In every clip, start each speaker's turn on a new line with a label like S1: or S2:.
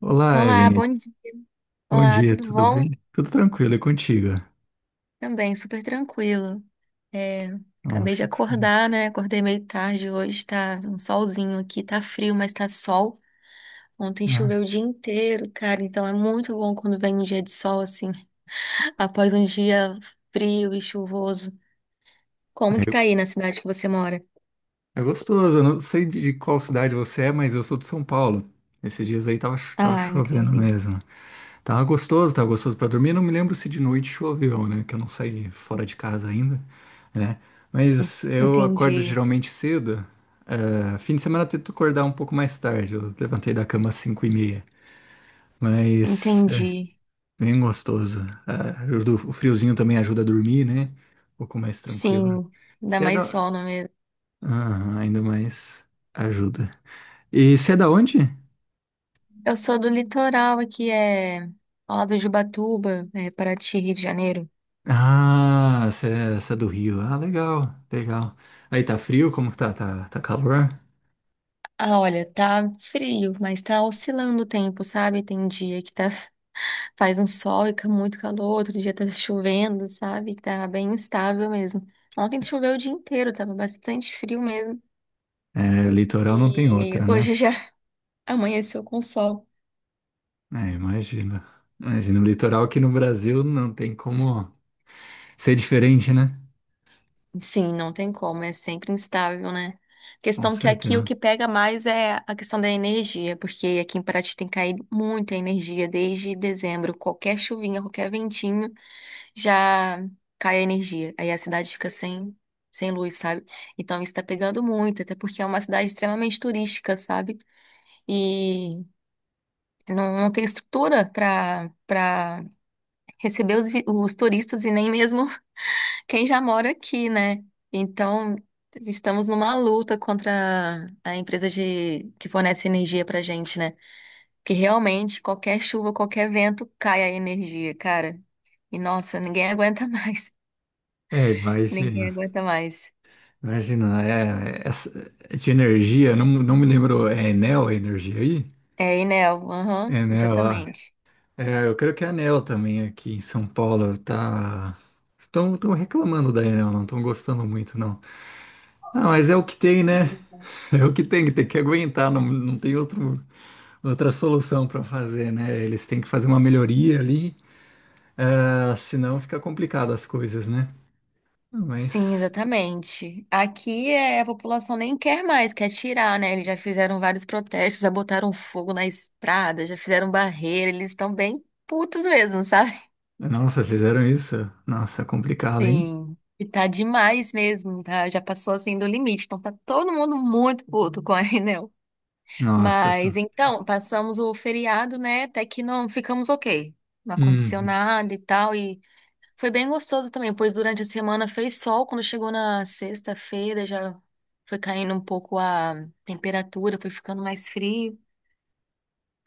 S1: Olá,
S2: Olá,
S1: Evelyn.
S2: bom dia.
S1: Bom
S2: Olá,
S1: dia,
S2: tudo
S1: tudo
S2: bom?
S1: bem? Tudo tranquilo, é contigo.
S2: Também, super tranquilo. É,
S1: Não, eu
S2: acabei de
S1: fico
S2: acordar,
S1: feliz.
S2: né? Acordei meio tarde hoje, tá um solzinho aqui, tá frio, mas tá sol. Ontem
S1: Ah,
S2: choveu o dia inteiro, cara, então é muito bom quando vem um dia de sol assim, após um dia frio e chuvoso. Como
S1: é,
S2: que tá aí na cidade que você mora?
S1: é gostoso, eu não sei de qual cidade você é, mas eu sou de São Paulo. Esses dias aí tava
S2: Ah,
S1: chovendo
S2: entendi,
S1: mesmo. Tava gostoso pra dormir. Não me lembro se de noite choveu, né? Que eu não saí fora de casa ainda, né? Mas eu acordo
S2: entendi,
S1: geralmente cedo. É, fim de semana eu tento acordar um pouco mais tarde. Eu levantei da cama às 5:30, mas
S2: entendi.
S1: bem gostoso. Ah, o o friozinho também ajuda a dormir, né? Um pouco mais tranquilo.
S2: Sim, dá
S1: Você é
S2: mais
S1: da.
S2: sol, não é mesmo?
S1: Aham, ainda mais ajuda. E você é da onde?
S2: Eu sou do litoral aqui, é ao lado de Ubatuba, é, Paraty, Rio de Janeiro.
S1: Ah, você é do Rio. Ah, legal, legal. Aí tá frio? Como que tá? Tá calor?
S2: Ah, olha, tá frio, mas tá oscilando o tempo, sabe? Tem dia que tá, faz um sol e fica muito calor, outro dia tá chovendo, sabe? Tá bem instável mesmo. Ontem choveu o dia inteiro, tava bastante frio mesmo.
S1: É, litoral não tem
S2: E
S1: outra, né?
S2: hoje já amanheceu com sol.
S1: É, imagina. Imagina, o litoral aqui no Brasil não tem como ser diferente, né?
S2: Sim, não tem como, é sempre instável, né?
S1: Com
S2: Questão que aqui o
S1: certeza.
S2: que pega mais é a questão da energia, porque aqui em Paraty tem caído muita energia desde dezembro. Qualquer chuvinha, qualquer ventinho já cai a energia. Aí a cidade fica sem luz, sabe? Então isso tá pegando muito, até porque é uma cidade extremamente turística, sabe? E não, não tem estrutura para receber os turistas e nem mesmo quem já mora aqui, né? Então, estamos numa luta contra a empresa de que fornece energia pra gente, né? Que realmente qualquer chuva, qualquer vento cai a energia, cara. E nossa, ninguém aguenta mais.
S1: É,
S2: Ninguém
S1: imagina.
S2: aguenta mais.
S1: Imagina, é de energia, não me lembro, é Enel a energia aí?
S2: É, Enel, aham,
S1: Enel, ah.
S2: exatamente.
S1: É, eu creio que a Enel também aqui em São Paulo tá... Estão reclamando da Enel, não estão gostando muito, não. Ah, mas é o que tem, né?
S2: Sim.
S1: É o que tem, tem que aguentar, não tem outro, outra solução para fazer, né? Eles têm que fazer uma melhoria ali, ah, senão fica complicado as coisas, né?
S2: Sim,
S1: Mas,
S2: exatamente. Aqui é, a população nem quer mais, quer tirar, né? Eles já fizeram vários protestos, já botaram fogo na estrada, já fizeram barreira, eles estão bem putos mesmo, sabe?
S1: nossa, fizeram isso? Nossa, complicado, hein?
S2: Sim, e tá demais mesmo, tá? Já passou assim do limite, então tá todo mundo muito puto com a Enel.
S1: Nossa.
S2: Mas então, passamos o feriado, né? Até que não ficamos ok. Não aconteceu
S1: Hum.
S2: nada e tal, e foi bem gostoso também, pois durante a semana fez sol, quando chegou na sexta-feira já foi caindo um pouco a temperatura, foi ficando mais frio.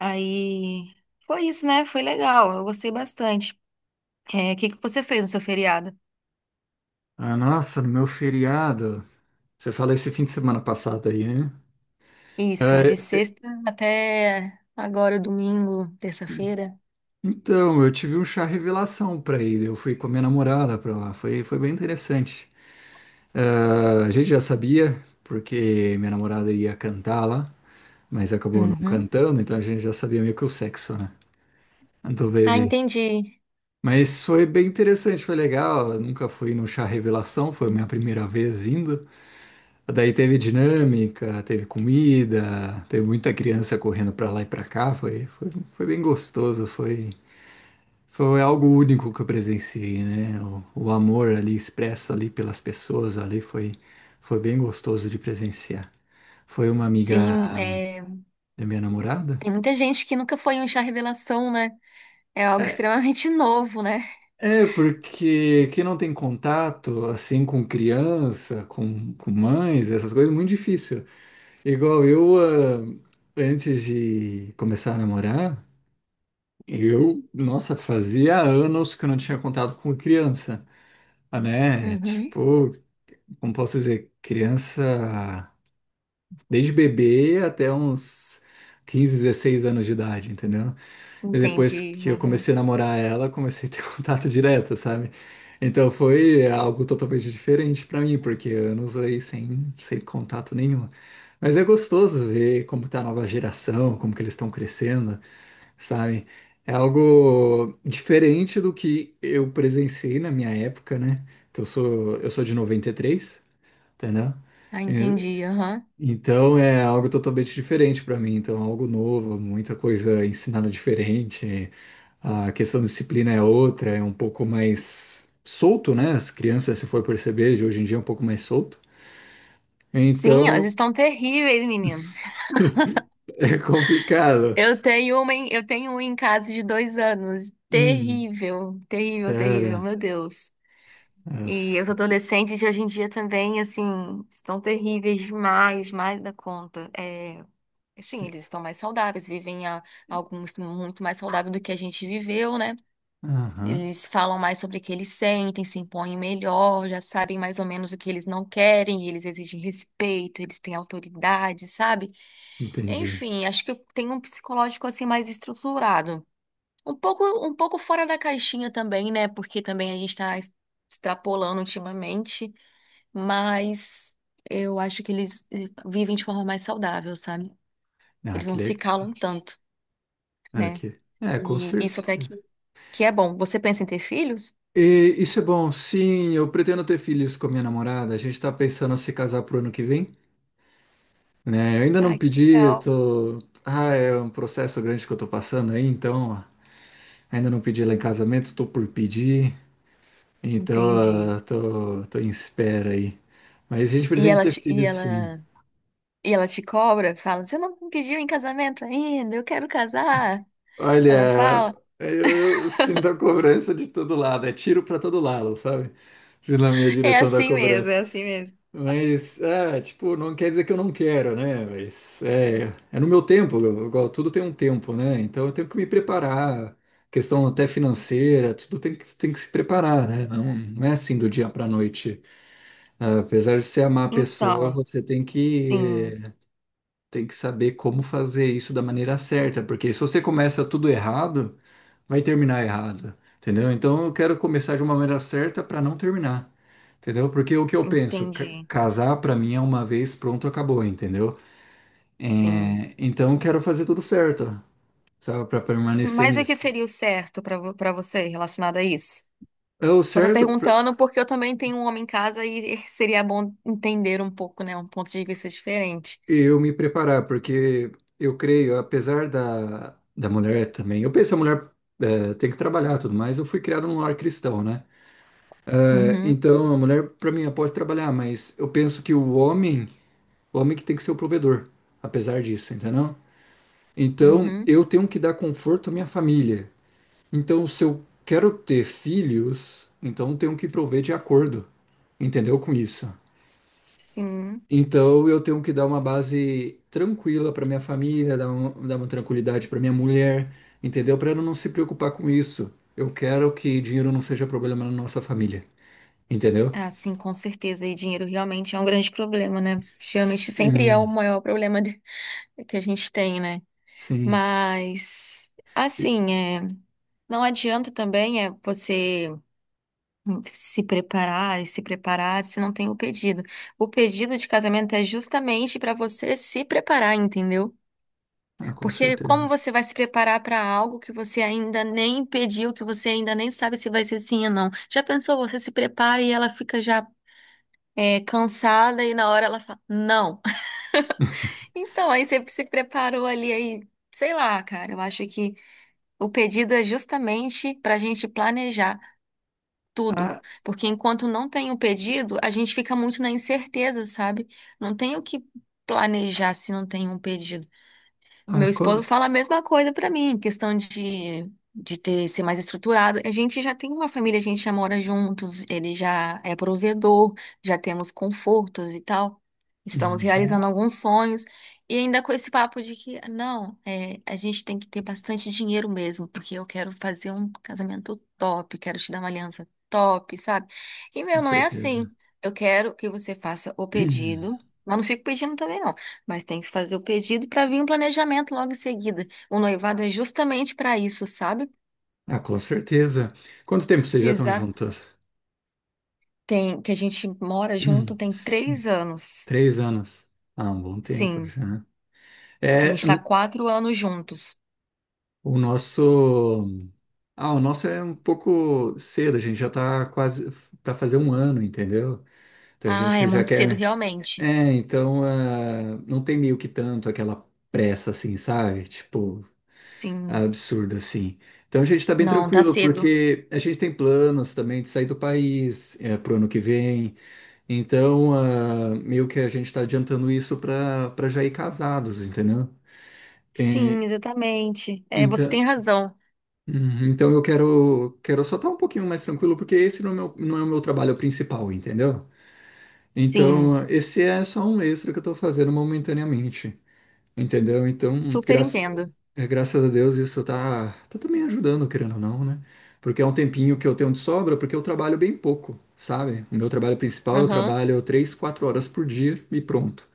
S2: Aí foi isso, né? Foi legal, eu gostei bastante. É, o que que você fez no seu feriado?
S1: Ah, nossa, meu feriado. Você fala esse fim de semana passado aí, né?
S2: Isso, de
S1: É,
S2: sexta até agora, domingo, terça-feira.
S1: então, eu tive um chá revelação pra ir. Eu fui com a minha namorada pra lá. Foi bem interessante. Ah, a gente já sabia, porque minha namorada ia cantar lá, mas acabou não
S2: Uhum.
S1: cantando, então a gente já sabia meio que o sexo, né? Do
S2: Ah,
S1: bebê.
S2: entendi.
S1: Mas foi bem interessante, foi legal. Eu nunca fui no chá revelação, foi a minha primeira vez indo. Daí teve dinâmica, teve comida, teve muita criança correndo pra lá e pra cá. Foi bem gostoso, foi algo único que eu presenciei, né? O amor ali expresso ali pelas pessoas ali foi bem gostoso de presenciar. Foi uma amiga
S2: Sim, é,
S1: da minha namorada.
S2: tem muita gente que nunca foi em um chá revelação, né? É algo
S1: É,
S2: extremamente novo, né?
S1: é, porque quem não tem contato, assim, com criança, com mães, essas coisas, é muito difícil. Igual eu, ah, antes de começar a namorar, eu, nossa, fazia anos que eu não tinha contato com criança, ah, né?
S2: Uhum.
S1: Tipo, como posso dizer, criança desde bebê até uns 15, 16 anos de idade, entendeu? E depois
S2: Entendi.
S1: que eu
S2: Aham.
S1: comecei a namorar ela, comecei a ter contato direto, sabe? Então foi algo totalmente diferente pra mim, porque anos aí sem contato nenhum. Mas é gostoso ver como tá a nova geração, como que eles estão crescendo, sabe? É algo diferente do que eu presenciei na minha época, né? Que eu sou de 93, entendeu?
S2: Ah,
S1: E-
S2: entendi. Aham.
S1: Então é algo totalmente diferente para mim, então algo novo, muita coisa ensinada diferente. A questão de disciplina é outra, é um pouco mais solto, né? As crianças, se for perceber, de hoje em dia é um pouco mais solto.
S2: Sim, elas
S1: Então
S2: estão terríveis, menino.
S1: é complicado.
S2: Eu tenho eu tenho um em casa de 2 anos.
S1: Hum,
S2: Terrível, terrível, terrível,
S1: sério.
S2: meu Deus. E os
S1: Nossa.
S2: adolescentes de hoje em dia também, assim, estão terríveis demais, mais da conta. É, assim, eles estão mais saudáveis, vivem alguns muito mais saudável do que a gente viveu, né?
S1: Aham,
S2: Eles falam mais sobre o que eles sentem, se impõem melhor, já sabem mais ou menos o que eles não querem, eles exigem respeito, eles têm autoridade, sabe?
S1: entendi.
S2: Enfim, acho que tem um psicológico assim mais estruturado. Um pouco fora da caixinha também, né? Porque também a gente está extrapolando ultimamente, mas eu acho que eles vivem de forma mais saudável, sabe?
S1: Ah,
S2: Eles
S1: que
S2: não se
S1: legal.
S2: calam tanto, né?
S1: É, com
S2: E isso até
S1: certeza.
S2: que é bom. Você pensa em ter filhos?
S1: E isso é bom. Sim, eu pretendo ter filhos com a minha namorada. A gente tá pensando em se casar pro ano que vem, né? Eu ainda não
S2: Ai, que
S1: pedi, eu
S2: legal.
S1: tô... Ah, é um processo grande que eu tô passando aí, então ó, ainda não pedi ela em casamento, tô por pedir. Então,
S2: Entendi.
S1: ó, tô em espera aí. Mas a gente
S2: E
S1: pretende
S2: ela
S1: ter
S2: te, e
S1: filhos, sim.
S2: ela, e ela te cobra, fala, você não me pediu em casamento ainda, eu quero casar. Ela
S1: Olha,
S2: fala,
S1: eu sinto a cobrança de todo lado. É tiro pra todo lado, sabe? Na minha
S2: é
S1: direção da
S2: assim mesmo,
S1: cobrança.
S2: é assim mesmo.
S1: Mas, ah, tipo, não quer dizer que eu não quero, né? Mas é no meu tempo, igual tudo tem um tempo, né? Então eu tenho que me preparar, questão até financeira, tudo tem que se preparar, né? Não é assim do dia para noite. Ah, apesar de você amar a pessoa,
S2: Então,
S1: você tem que,
S2: sim,
S1: tem que saber como fazer isso da maneira certa, porque se você começa tudo errado vai terminar errado, entendeu? Então eu quero começar de uma maneira certa para não terminar, entendeu? Porque o que eu penso,
S2: entendi,
S1: casar para mim é uma vez, pronto, acabou, entendeu?
S2: sim.
S1: É, então eu quero fazer tudo certo, sabe, para permanecer
S2: Mas o
S1: nisso.
S2: que seria o certo para você relacionado a isso?
S1: É o
S2: Só tô
S1: certo pra
S2: perguntando porque eu também tenho um homem em casa e seria bom entender um pouco, né? Um ponto de vista diferente.
S1: eu me preparar, porque eu creio, apesar da mulher também, eu penso a mulher é, tem que trabalhar e tudo mais, eu fui criado num lar cristão, né? É,
S2: Uhum,
S1: então a mulher para mim ela pode trabalhar, mas eu penso que o homem que tem que ser o provedor, apesar disso, entendeu? Então,
S2: uhum,
S1: eu tenho que dar conforto à minha família. Então, se eu quero ter filhos, então eu tenho que prover de acordo, entendeu? Com isso.
S2: sim.
S1: Então, eu tenho que dar uma base tranquila para minha família, dar uma tranquilidade para minha mulher, entendeu? Para ela não se preocupar com isso. Eu quero que dinheiro não seja problema na nossa família, entendeu?
S2: Ah, sim, com certeza. E dinheiro realmente é um grande problema, né? Geralmente sempre é o
S1: Sim,
S2: maior que a gente tem, né?
S1: sim.
S2: Mas,
S1: E-
S2: assim, é, não adianta também é você se preparar e se preparar se não tem o pedido. O pedido de casamento é justamente para você se preparar, entendeu?
S1: Ah, com
S2: Porque como
S1: certeza.
S2: você vai se preparar para algo que você ainda nem pediu, que você ainda nem sabe se vai ser sim ou não? Já pensou, você se prepara e ela fica já cansada e na hora ela fala, não. Então, aí você se preparou ali, aí, sei lá, cara, eu acho que o pedido é justamente para a gente planejar tudo.
S1: Ah,
S2: Porque enquanto não tem o pedido, a gente fica muito na incerteza, sabe? Não tem o que planejar se não tem um pedido.
S1: ah,
S2: Meu esposo
S1: co-
S2: fala a mesma coisa pra mim, questão de ter, ser mais estruturado. A gente já tem uma família, a gente já mora juntos, ele já é provedor, já temos confortos e tal. Estamos
S1: Uhum.
S2: realizando alguns sonhos. E ainda com esse papo de que, não, é, a gente tem que ter bastante dinheiro mesmo, porque eu quero fazer um casamento top, quero te dar uma aliança top, sabe? E,
S1: Com
S2: meu, não é
S1: certeza.
S2: assim. Eu quero que você faça o pedido, mas não fico pedindo também, não. Mas tem que fazer o pedido para vir um planejamento logo em seguida. O noivado é justamente para isso, sabe?
S1: Ah, com certeza. Quanto tempo vocês já estão
S2: Exato.
S1: juntas?
S2: Tem que a gente mora junto tem
S1: Sim,
S2: 3 anos.
S1: 3 anos. Ah, um bom tempo
S2: Sim,
S1: já, né?
S2: a gente
S1: É,
S2: está 4 anos juntos.
S1: o nosso. Ah, o nosso é um pouco cedo, a gente já tá quase para fazer um ano, entendeu? Então a
S2: Ah, é
S1: gente já
S2: muito cedo
S1: quer.
S2: realmente.
S1: É, então ah, não tem meio que tanto aquela pressa assim, sabe? Tipo,
S2: Sim,
S1: absurdo assim. Então a gente tá bem
S2: não, tá
S1: tranquilo,
S2: cedo.
S1: porque a gente tem planos também de sair do país é, pro ano que vem. Então, ah, meio que a gente está adiantando isso para já ir casados, entendeu? É,
S2: Sim, exatamente. É, você
S1: então,
S2: tem razão.
S1: uhum, então eu quero só estar um pouquinho mais tranquilo, porque esse não é o meu trabalho principal, entendeu?
S2: Sim,
S1: Então, esse é só um extra que eu estou fazendo momentaneamente, entendeu? Então,
S2: super entendo.
S1: graças a Deus isso tá também ajudando, querendo ou não, né? Porque é um tempinho que eu tenho de sobra, porque eu trabalho bem pouco, sabe? O meu trabalho principal, eu
S2: Aham.
S1: trabalho 3, 4 horas por dia e pronto.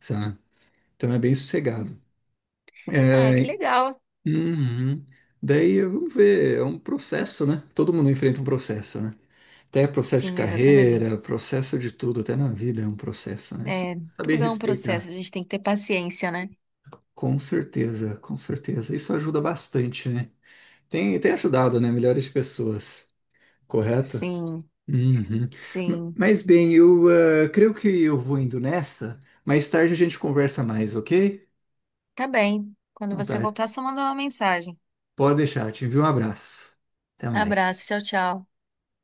S1: Sabe? Então é bem sossegado.
S2: Ah, que
S1: É,
S2: legal.
S1: uhum. Daí vamos ver, é um processo, né? Todo mundo enfrenta um processo, né? Até processo de
S2: Sim,
S1: carreira,
S2: exatamente.
S1: processo de tudo, até na vida é um processo, né? Só
S2: É,
S1: saber
S2: tudo é um processo,
S1: respeitar.
S2: a gente tem que ter paciência, né?
S1: Com certeza, com certeza. Isso ajuda bastante, né? Tem ajudado, né? Milhares de pessoas, correto?
S2: Sim,
S1: Uhum.
S2: sim.
S1: Mas bem, eu ah, creio que eu vou indo nessa. Mais tarde a gente conversa mais, ok?
S2: Tá bem. Quando
S1: Então tá,
S2: você voltar, só manda uma mensagem.
S1: pode deixar, eu te envio um abraço. Até
S2: Abraço,
S1: mais.
S2: tchau, tchau.